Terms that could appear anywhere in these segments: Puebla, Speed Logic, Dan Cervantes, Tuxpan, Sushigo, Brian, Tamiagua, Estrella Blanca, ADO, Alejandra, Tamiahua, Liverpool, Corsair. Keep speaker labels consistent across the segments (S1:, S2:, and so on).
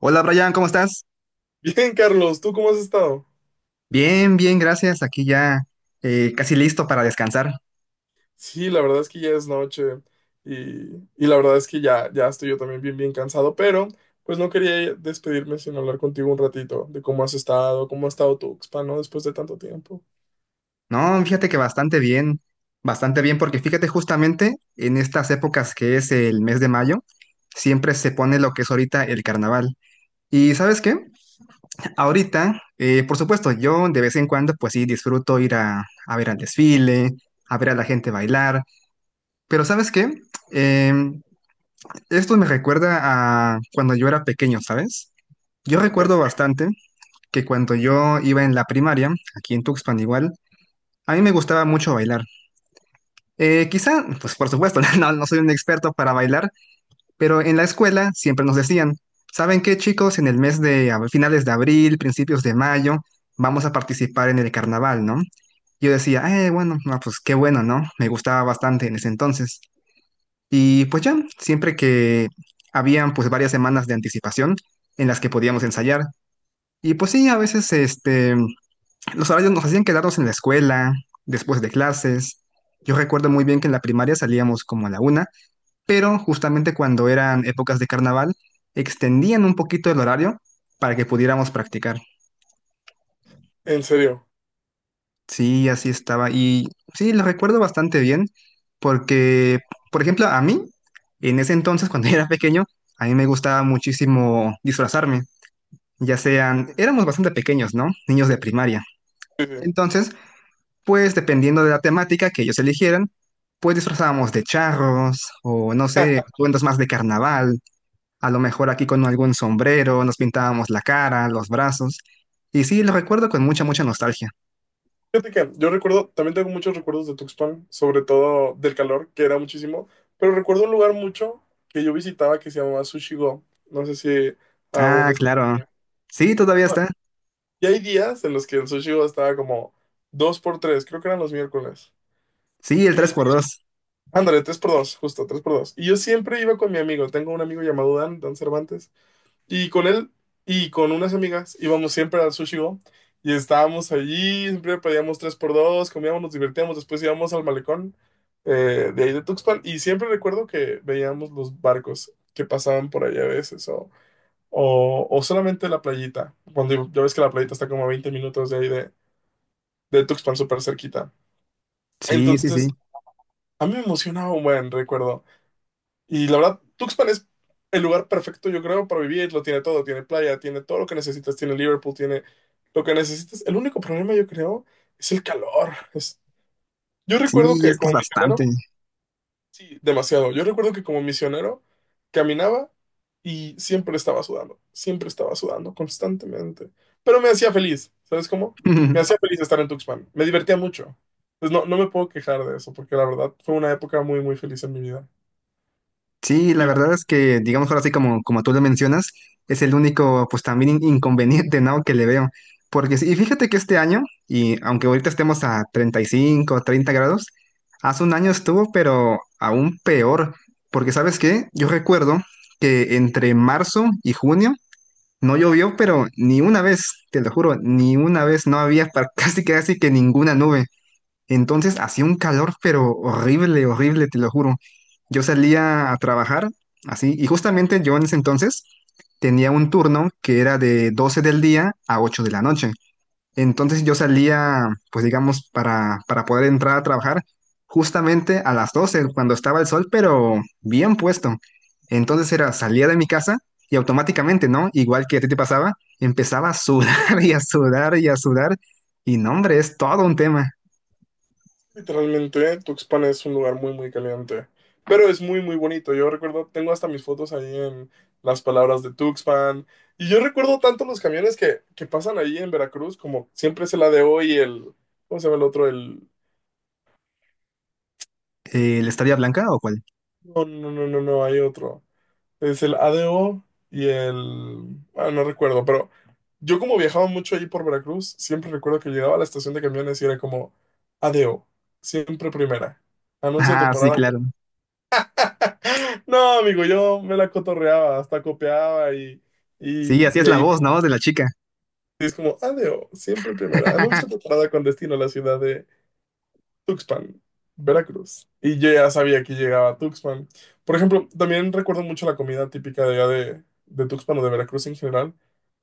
S1: Hola Brian, ¿cómo estás?
S2: Bien, Carlos, ¿tú cómo has estado?
S1: Bien, bien, gracias. Aquí ya casi listo para descansar.
S2: Sí, la verdad es que ya es noche y la verdad es que ya estoy yo también bien, bien cansado, pero pues no quería despedirme sin hablar contigo un ratito de cómo has estado, cómo ha estado tu expa, ¿no? Después de tanto tiempo.
S1: No, fíjate que bastante bien, porque fíjate justamente en estas épocas que es el mes de mayo, siempre se pone lo que es ahorita el carnaval. ¿Y sabes qué? Ahorita, por supuesto, yo de vez en cuando pues sí disfruto ir a ver al desfile, a ver a la gente bailar, pero ¿sabes qué? Em, esto me recuerda a cuando yo era pequeño, ¿sabes?
S2: Sí,
S1: Yo
S2: ¿por qué?
S1: recuerdo bastante que cuando yo iba en la primaria, aquí en Tuxpan igual, a mí me gustaba mucho bailar. Quizá, pues por supuesto, no, no soy un experto para bailar, pero en la escuela siempre nos decían, ¿saben qué, chicos? En el mes de finales de abril, principios de mayo, vamos a participar en el carnaval, ¿no? Yo decía, bueno, no, pues qué bueno, ¿no? Me gustaba bastante en ese entonces. Y pues ya, siempre que habían pues varias semanas de anticipación en las que podíamos ensayar. Y pues sí, a veces los horarios nos hacían quedarnos en la escuela, después de clases. Yo recuerdo muy bien que en la primaria salíamos como a la 1, pero justamente cuando eran épocas de carnaval, extendían un poquito el horario para que pudiéramos practicar.
S2: En serio.
S1: Sí, así estaba. Y sí, lo recuerdo bastante bien, porque, por ejemplo, a mí, en ese entonces, cuando era pequeño, a mí me gustaba muchísimo disfrazarme, ya sean, éramos bastante pequeños, ¿no? Niños de primaria.
S2: Sí, sí.
S1: Entonces, pues dependiendo de la temática que ellos eligieran, pues disfrazábamos de charros o no sé,
S2: Ah,
S1: atuendos más de carnaval, a lo mejor aquí con algún sombrero, nos pintábamos la cara, los brazos. Y sí, lo recuerdo con mucha, mucha nostalgia.
S2: fíjate que yo recuerdo, también tengo muchos recuerdos de Tuxpan, sobre todo del calor, que era muchísimo, pero recuerdo un lugar mucho que yo visitaba que se llamaba Sushigo. No sé si aún
S1: Ah,
S2: está
S1: claro.
S2: allá.
S1: Sí,
S2: No,
S1: todavía está.
S2: y hay días en los que el sushi estaba como 2 por tres, creo que eran los miércoles.
S1: Sí, el
S2: Y
S1: tres por dos.
S2: ándale, 3 por dos, justo, 3 por dos. Y yo siempre iba con mi amigo, tengo un amigo llamado Dan, Dan Cervantes, y con él y con unas amigas íbamos siempre al Sushi Go, y estábamos allí, siempre pedíamos 3 por dos, comíamos, nos divertíamos, después íbamos al malecón de ahí de Tuxpan y siempre recuerdo que veíamos los barcos que pasaban por allá a veces o, o solamente la playita, cuando ya ves que la playita está como a 20 minutos de ahí de Tuxpan súper cerquita.
S1: Sí, sí,
S2: Entonces,
S1: sí.
S2: a mí me emocionaba un buen recuerdo. Y la verdad, Tuxpan es el lugar perfecto, yo creo, para vivir. Lo tiene todo. Tiene playa, tiene todo lo que necesitas. Tiene Liverpool, tiene lo que necesitas. El único problema, yo creo, es el calor. Es- Yo recuerdo
S1: Sí,
S2: que
S1: es que
S2: como
S1: es
S2: misionero.
S1: bastante.
S2: Sí, demasiado. Yo recuerdo que como misionero caminaba y siempre estaba sudando constantemente, pero me hacía feliz, ¿sabes cómo? Me hacía feliz estar en Tuxpan, me divertía mucho. Pues no, no me puedo quejar de eso, porque la verdad fue una época muy, muy feliz en mi vida.
S1: Sí, la verdad es que, digamos ahora sí como, tú lo mencionas, es el único, pues también inconveniente, ¿no? que le veo. Porque, sí, y fíjate que este año, y aunque ahorita estemos a 35, 30 grados, hace un año estuvo, pero aún peor. Porque, ¿sabes qué? Yo recuerdo que entre marzo y junio no llovió, pero ni una vez, te lo juro, ni una vez no había casi casi que ninguna nube. Entonces hacía un calor, pero horrible, horrible, te lo juro. Yo salía a trabajar así, y justamente yo en ese entonces tenía un turno que era de 12 del día a 8 de la noche. Entonces yo salía, pues digamos, para poder entrar a trabajar justamente a las 12, cuando estaba el sol, pero bien puesto. Entonces era, salía de mi casa y automáticamente, ¿no? Igual que a ti te pasaba, empezaba a sudar y a sudar y a sudar. Y no, hombre, es todo un tema.
S2: Literalmente, Tuxpan es un lugar muy, muy caliente, pero es muy, muy bonito. Yo recuerdo, tengo hasta mis fotos ahí en las palabras de Tuxpan, y yo recuerdo tanto los camiones que pasan ahí en Veracruz, como siempre es el ADO y el, ¿cómo se llama el otro? El,
S1: ¿La Estrella Blanca o cuál?
S2: no, no, no, no, no, hay otro. Es el ADO y el, no recuerdo, pero yo como viajaba mucho ahí por Veracruz, siempre recuerdo que llegaba a la estación de camiones y era como ADO, siempre primera, anuncia tu
S1: Ah, sí,
S2: parada.
S1: claro.
S2: No, amigo, yo me la cotorreaba, hasta copiaba y,
S1: Sí,
S2: y,
S1: así
S2: y
S1: es la
S2: ahí
S1: voz, ¿no? De la chica.
S2: es como, adeo, siempre primera. Anuncio de parada con destino a la ciudad de Tuxpan, Veracruz. Y yo ya sabía que llegaba a Tuxpan. Por ejemplo, también recuerdo mucho la comida típica de allá de Tuxpan o de Veracruz en general.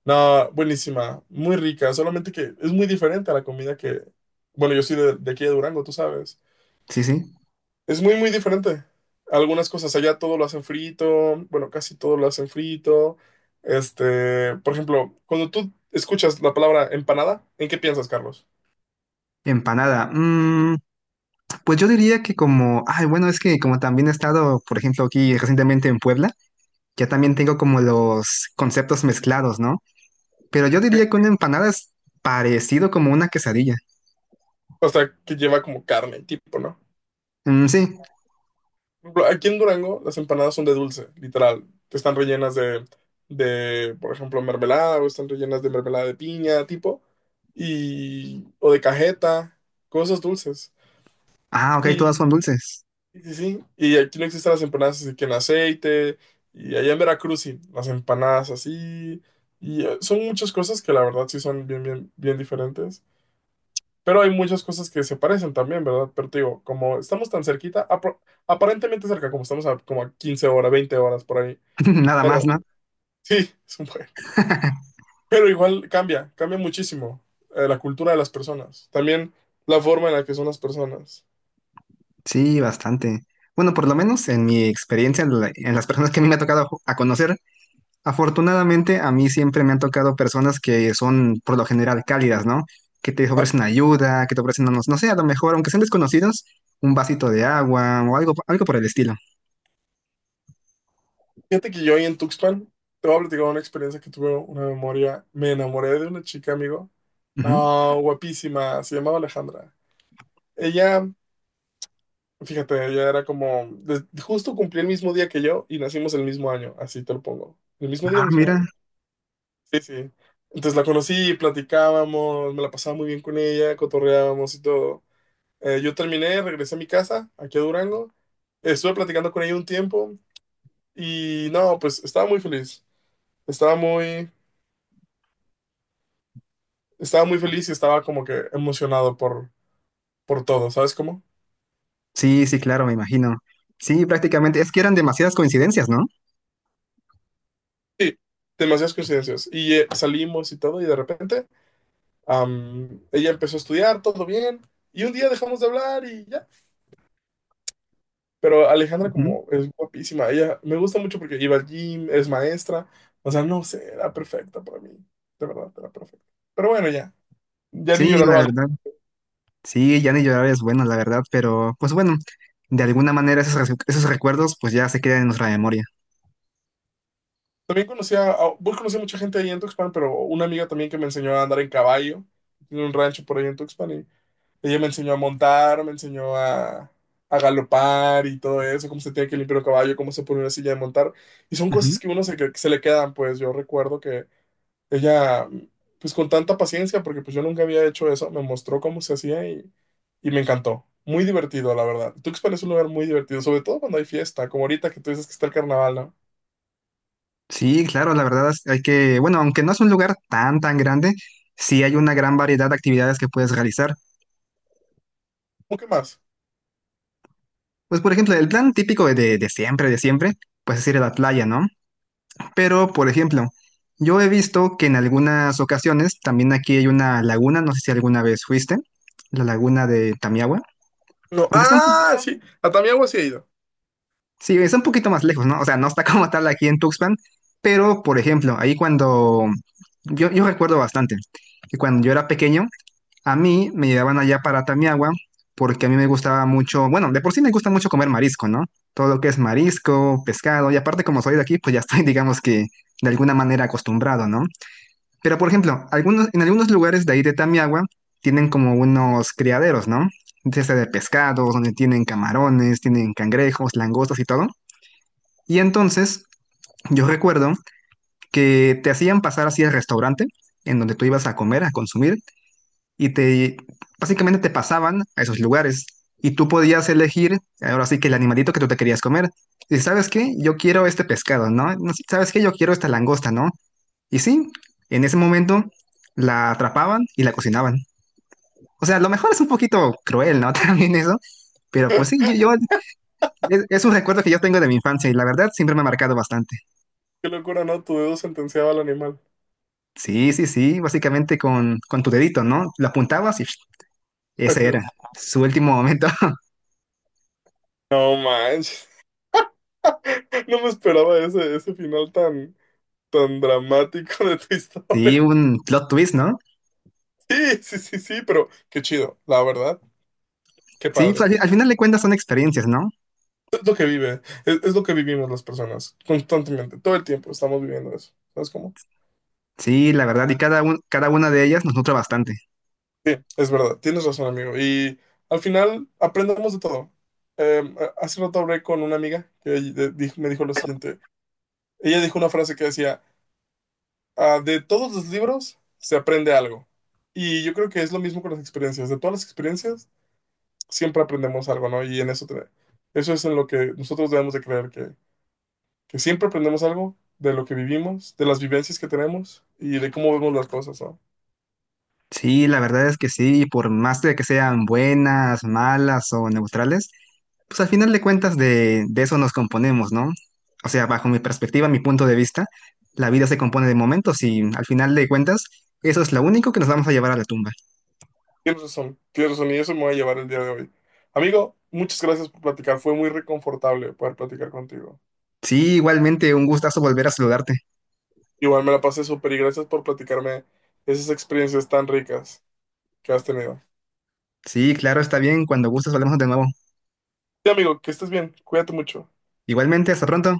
S2: No, buenísima, muy rica, solamente que es muy diferente a la comida que, bueno, yo soy de aquí de Durango, tú sabes.
S1: Sí, sí.
S2: Es muy, muy diferente. Algunas cosas allá todo lo hacen frito, bueno, casi todo lo hacen frito. Este, por ejemplo, cuando tú escuchas la palabra empanada, ¿en qué piensas, Carlos?
S1: Empanada. Pues yo diría que como, ay, bueno, es que como también he estado, por ejemplo, aquí recientemente en Puebla, ya también tengo como los conceptos mezclados, ¿no? Pero yo
S2: ¿Qué?
S1: diría que una empanada es parecido como una quesadilla.
S2: O sea, que lleva como carne, tipo, ¿no?
S1: Mm, sí.
S2: Por ejemplo, aquí en Durango las empanadas son de dulce, literal. Están rellenas de, por ejemplo, mermelada o están rellenas de mermelada de piña, tipo, y, o de cajeta, cosas dulces.
S1: Ah,
S2: y
S1: ok, todas son dulces.
S2: Sí, sí, sí. Y aquí no existen las empanadas así que en aceite. Y allá en Veracruz sí, las empanadas así. Y son muchas cosas que la verdad sí son bien, bien, bien diferentes. Pero hay muchas cosas que se parecen también, ¿verdad? Pero te digo, como estamos tan cerquita, aparentemente cerca, como estamos a como a 15 horas, 20 horas por ahí.
S1: Nada más,
S2: Pero
S1: ¿no?
S2: sí, es un buen. Pero igual cambia, cambia muchísimo la cultura de las personas. También la forma en la que son las personas.
S1: Sí, bastante. Bueno, por lo menos en mi experiencia, en las personas que a mí me ha tocado a conocer, afortunadamente, a mí siempre me han tocado personas que son por lo general cálidas, ¿no? Que te ofrecen ayuda, que te ofrecen, no, no sé, a lo mejor, aunque sean desconocidos, un vasito de agua o algo, algo por el estilo.
S2: Fíjate que yo ahí en Tuxpan, te voy a platicar una experiencia que tuve, una memoria. Me enamoré de una chica, amigo.
S1: Ujú.
S2: No, guapísima, se llamaba Alejandra. Ella, fíjate, ella era como, justo cumplí el mismo día que yo y nacimos el mismo año, así te lo pongo. El mismo día,
S1: Ah,
S2: mismo
S1: mira.
S2: año. Sí, sí. Entonces la conocí, platicábamos, me la pasaba muy bien con ella, cotorreábamos y todo. Yo terminé, regresé a mi casa, aquí a Durango. Estuve platicando con ella un tiempo y no, pues estaba muy feliz. Estaba muy, estaba muy feliz y estaba como que emocionado por todo, ¿sabes cómo?
S1: Sí, sí, claro, me imagino. Sí, prácticamente. Es que eran demasiadas coincidencias, ¿no?
S2: Sí, demasiadas coincidencias. Y salimos y todo, y de repente ella empezó a estudiar, todo bien, y un día dejamos de hablar y ya. Pero Alejandra
S1: Ujú.
S2: como es guapísima, ella me gusta mucho porque iba al gym, es maestra, o sea, no sé, era perfecta para mí, de verdad, era perfecta. Pero bueno, ya, ya ni
S1: Sí,
S2: llorar
S1: la
S2: vale.
S1: verdad. Sí, ya ni llorar es bueno, la verdad, pero pues bueno, de alguna manera esos recuerdos pues ya se quedan en nuestra memoria.
S2: También conocía, a, vos conocí a mucha gente ahí en Tuxpan, pero una amiga también que me enseñó a andar en caballo, en un rancho por ahí en Tuxpan, y ella me enseñó a montar, me enseñó a galopar y todo eso, cómo se tiene que limpiar un caballo, cómo se pone una silla de montar. Y son cosas que uno se, que se le quedan, pues yo recuerdo que ella, pues con tanta paciencia, porque pues yo nunca había hecho eso, me mostró cómo se hacía y me encantó. Muy divertido, la verdad. Tuxpan es un lugar muy divertido, sobre todo cuando hay fiesta, como ahorita que tú dices que está el carnaval, ¿no?
S1: Sí, claro, la verdad hay que, bueno, aunque no es un lugar tan, tan grande, sí hay una gran variedad de actividades que puedes realizar.
S2: ¿O qué más?
S1: Pues, por ejemplo, el plan típico de, siempre, de siempre, pues es ir a la playa, ¿no? Pero, por ejemplo, yo he visto que en algunas ocasiones, también aquí hay una laguna, no sé si alguna vez fuiste, la laguna de Tamiahua,
S2: No,
S1: aunque está
S2: ah, sí, a Tamiagua sí he ido.
S1: sí, está un poquito más lejos, ¿no? O sea, no está como tal aquí en Tuxpan, pero, por ejemplo, ahí cuando, yo recuerdo bastante que cuando yo era pequeño, a mí me llevaban allá para Tamiagua, porque a mí me gustaba mucho, bueno, de por sí me gusta mucho comer marisco, ¿no? Todo lo que es marisco, pescado, y aparte como soy de aquí, pues ya estoy, digamos que, de alguna manera acostumbrado, ¿no? Pero por ejemplo, algunos, en algunos lugares de ahí de Tamiagua tienen como unos criaderos, ¿no? Desde de pescados, donde tienen camarones, tienen cangrejos, langostas y todo. Y entonces yo recuerdo que te hacían pasar así al restaurante en donde tú ibas a comer, a consumir, y te básicamente te pasaban a esos lugares y tú podías elegir, ahora sí que el animalito que tú te querías comer. Y sabes qué, yo quiero este pescado, ¿no? No, ¿sabes qué? Yo quiero esta langosta, ¿no? Y sí, en ese momento la atrapaban y la cocinaban. O sea, a lo mejor es un poquito cruel, ¿no? También eso, pero pues sí, es un recuerdo que yo tengo de mi infancia y la verdad siempre me ha marcado bastante.
S2: Qué locura, ¿no? Tu dedo sentenciaba al animal.
S1: Sí, sí, sí, básicamente con tu dedito, ¿no? Lo apuntabas y ese era su último momento.
S2: No manches. No me esperaba ese, ese final tan, tan dramático de tu
S1: Sí,
S2: historia.
S1: un plot twist, ¿no?
S2: Sí, sí, sí, sí, pero qué chido, la verdad. Qué
S1: Sí, pues,
S2: padre.
S1: al final de cuentas son experiencias, ¿no?
S2: Es lo que vive, es lo que vivimos las personas constantemente, todo el tiempo estamos viviendo eso. ¿Sabes cómo?
S1: Sí, la verdad, y cada una de ellas nos nutre bastante.
S2: Sí, es verdad, tienes razón, amigo. Y al final aprendemos de todo. Hace rato hablé con una amiga que me dijo lo siguiente. Ella dijo una frase que decía, "Ah, de todos los libros se aprende algo. Y yo creo que es lo mismo con las experiencias. De todas las experiencias siempre aprendemos algo, ¿no? Y en eso, eso es en lo que nosotros debemos de creer, que siempre aprendemos algo de lo que vivimos, de las vivencias que tenemos y de cómo vemos las cosas, ¿no?
S1: Sí, la verdad es que sí, por más de que sean buenas, malas o neutrales, pues al final de cuentas de, eso nos componemos, ¿no? O sea, bajo mi perspectiva, mi punto de vista, la vida se compone de momentos y al final de cuentas, eso es lo único que nos vamos a llevar a la tumba.
S2: Tienes razón, y eso me va a llevar el día de hoy. Amigo, muchas gracias por platicar, fue muy reconfortable poder platicar contigo.
S1: Sí, igualmente, un gustazo volver a saludarte.
S2: Igual me la pasé súper y gracias por platicarme esas experiencias tan ricas que has tenido.
S1: Sí, claro, está bien, cuando gustes hablamos de nuevo.
S2: Sí, amigo, que estés bien, cuídate mucho.
S1: Igualmente, hasta pronto.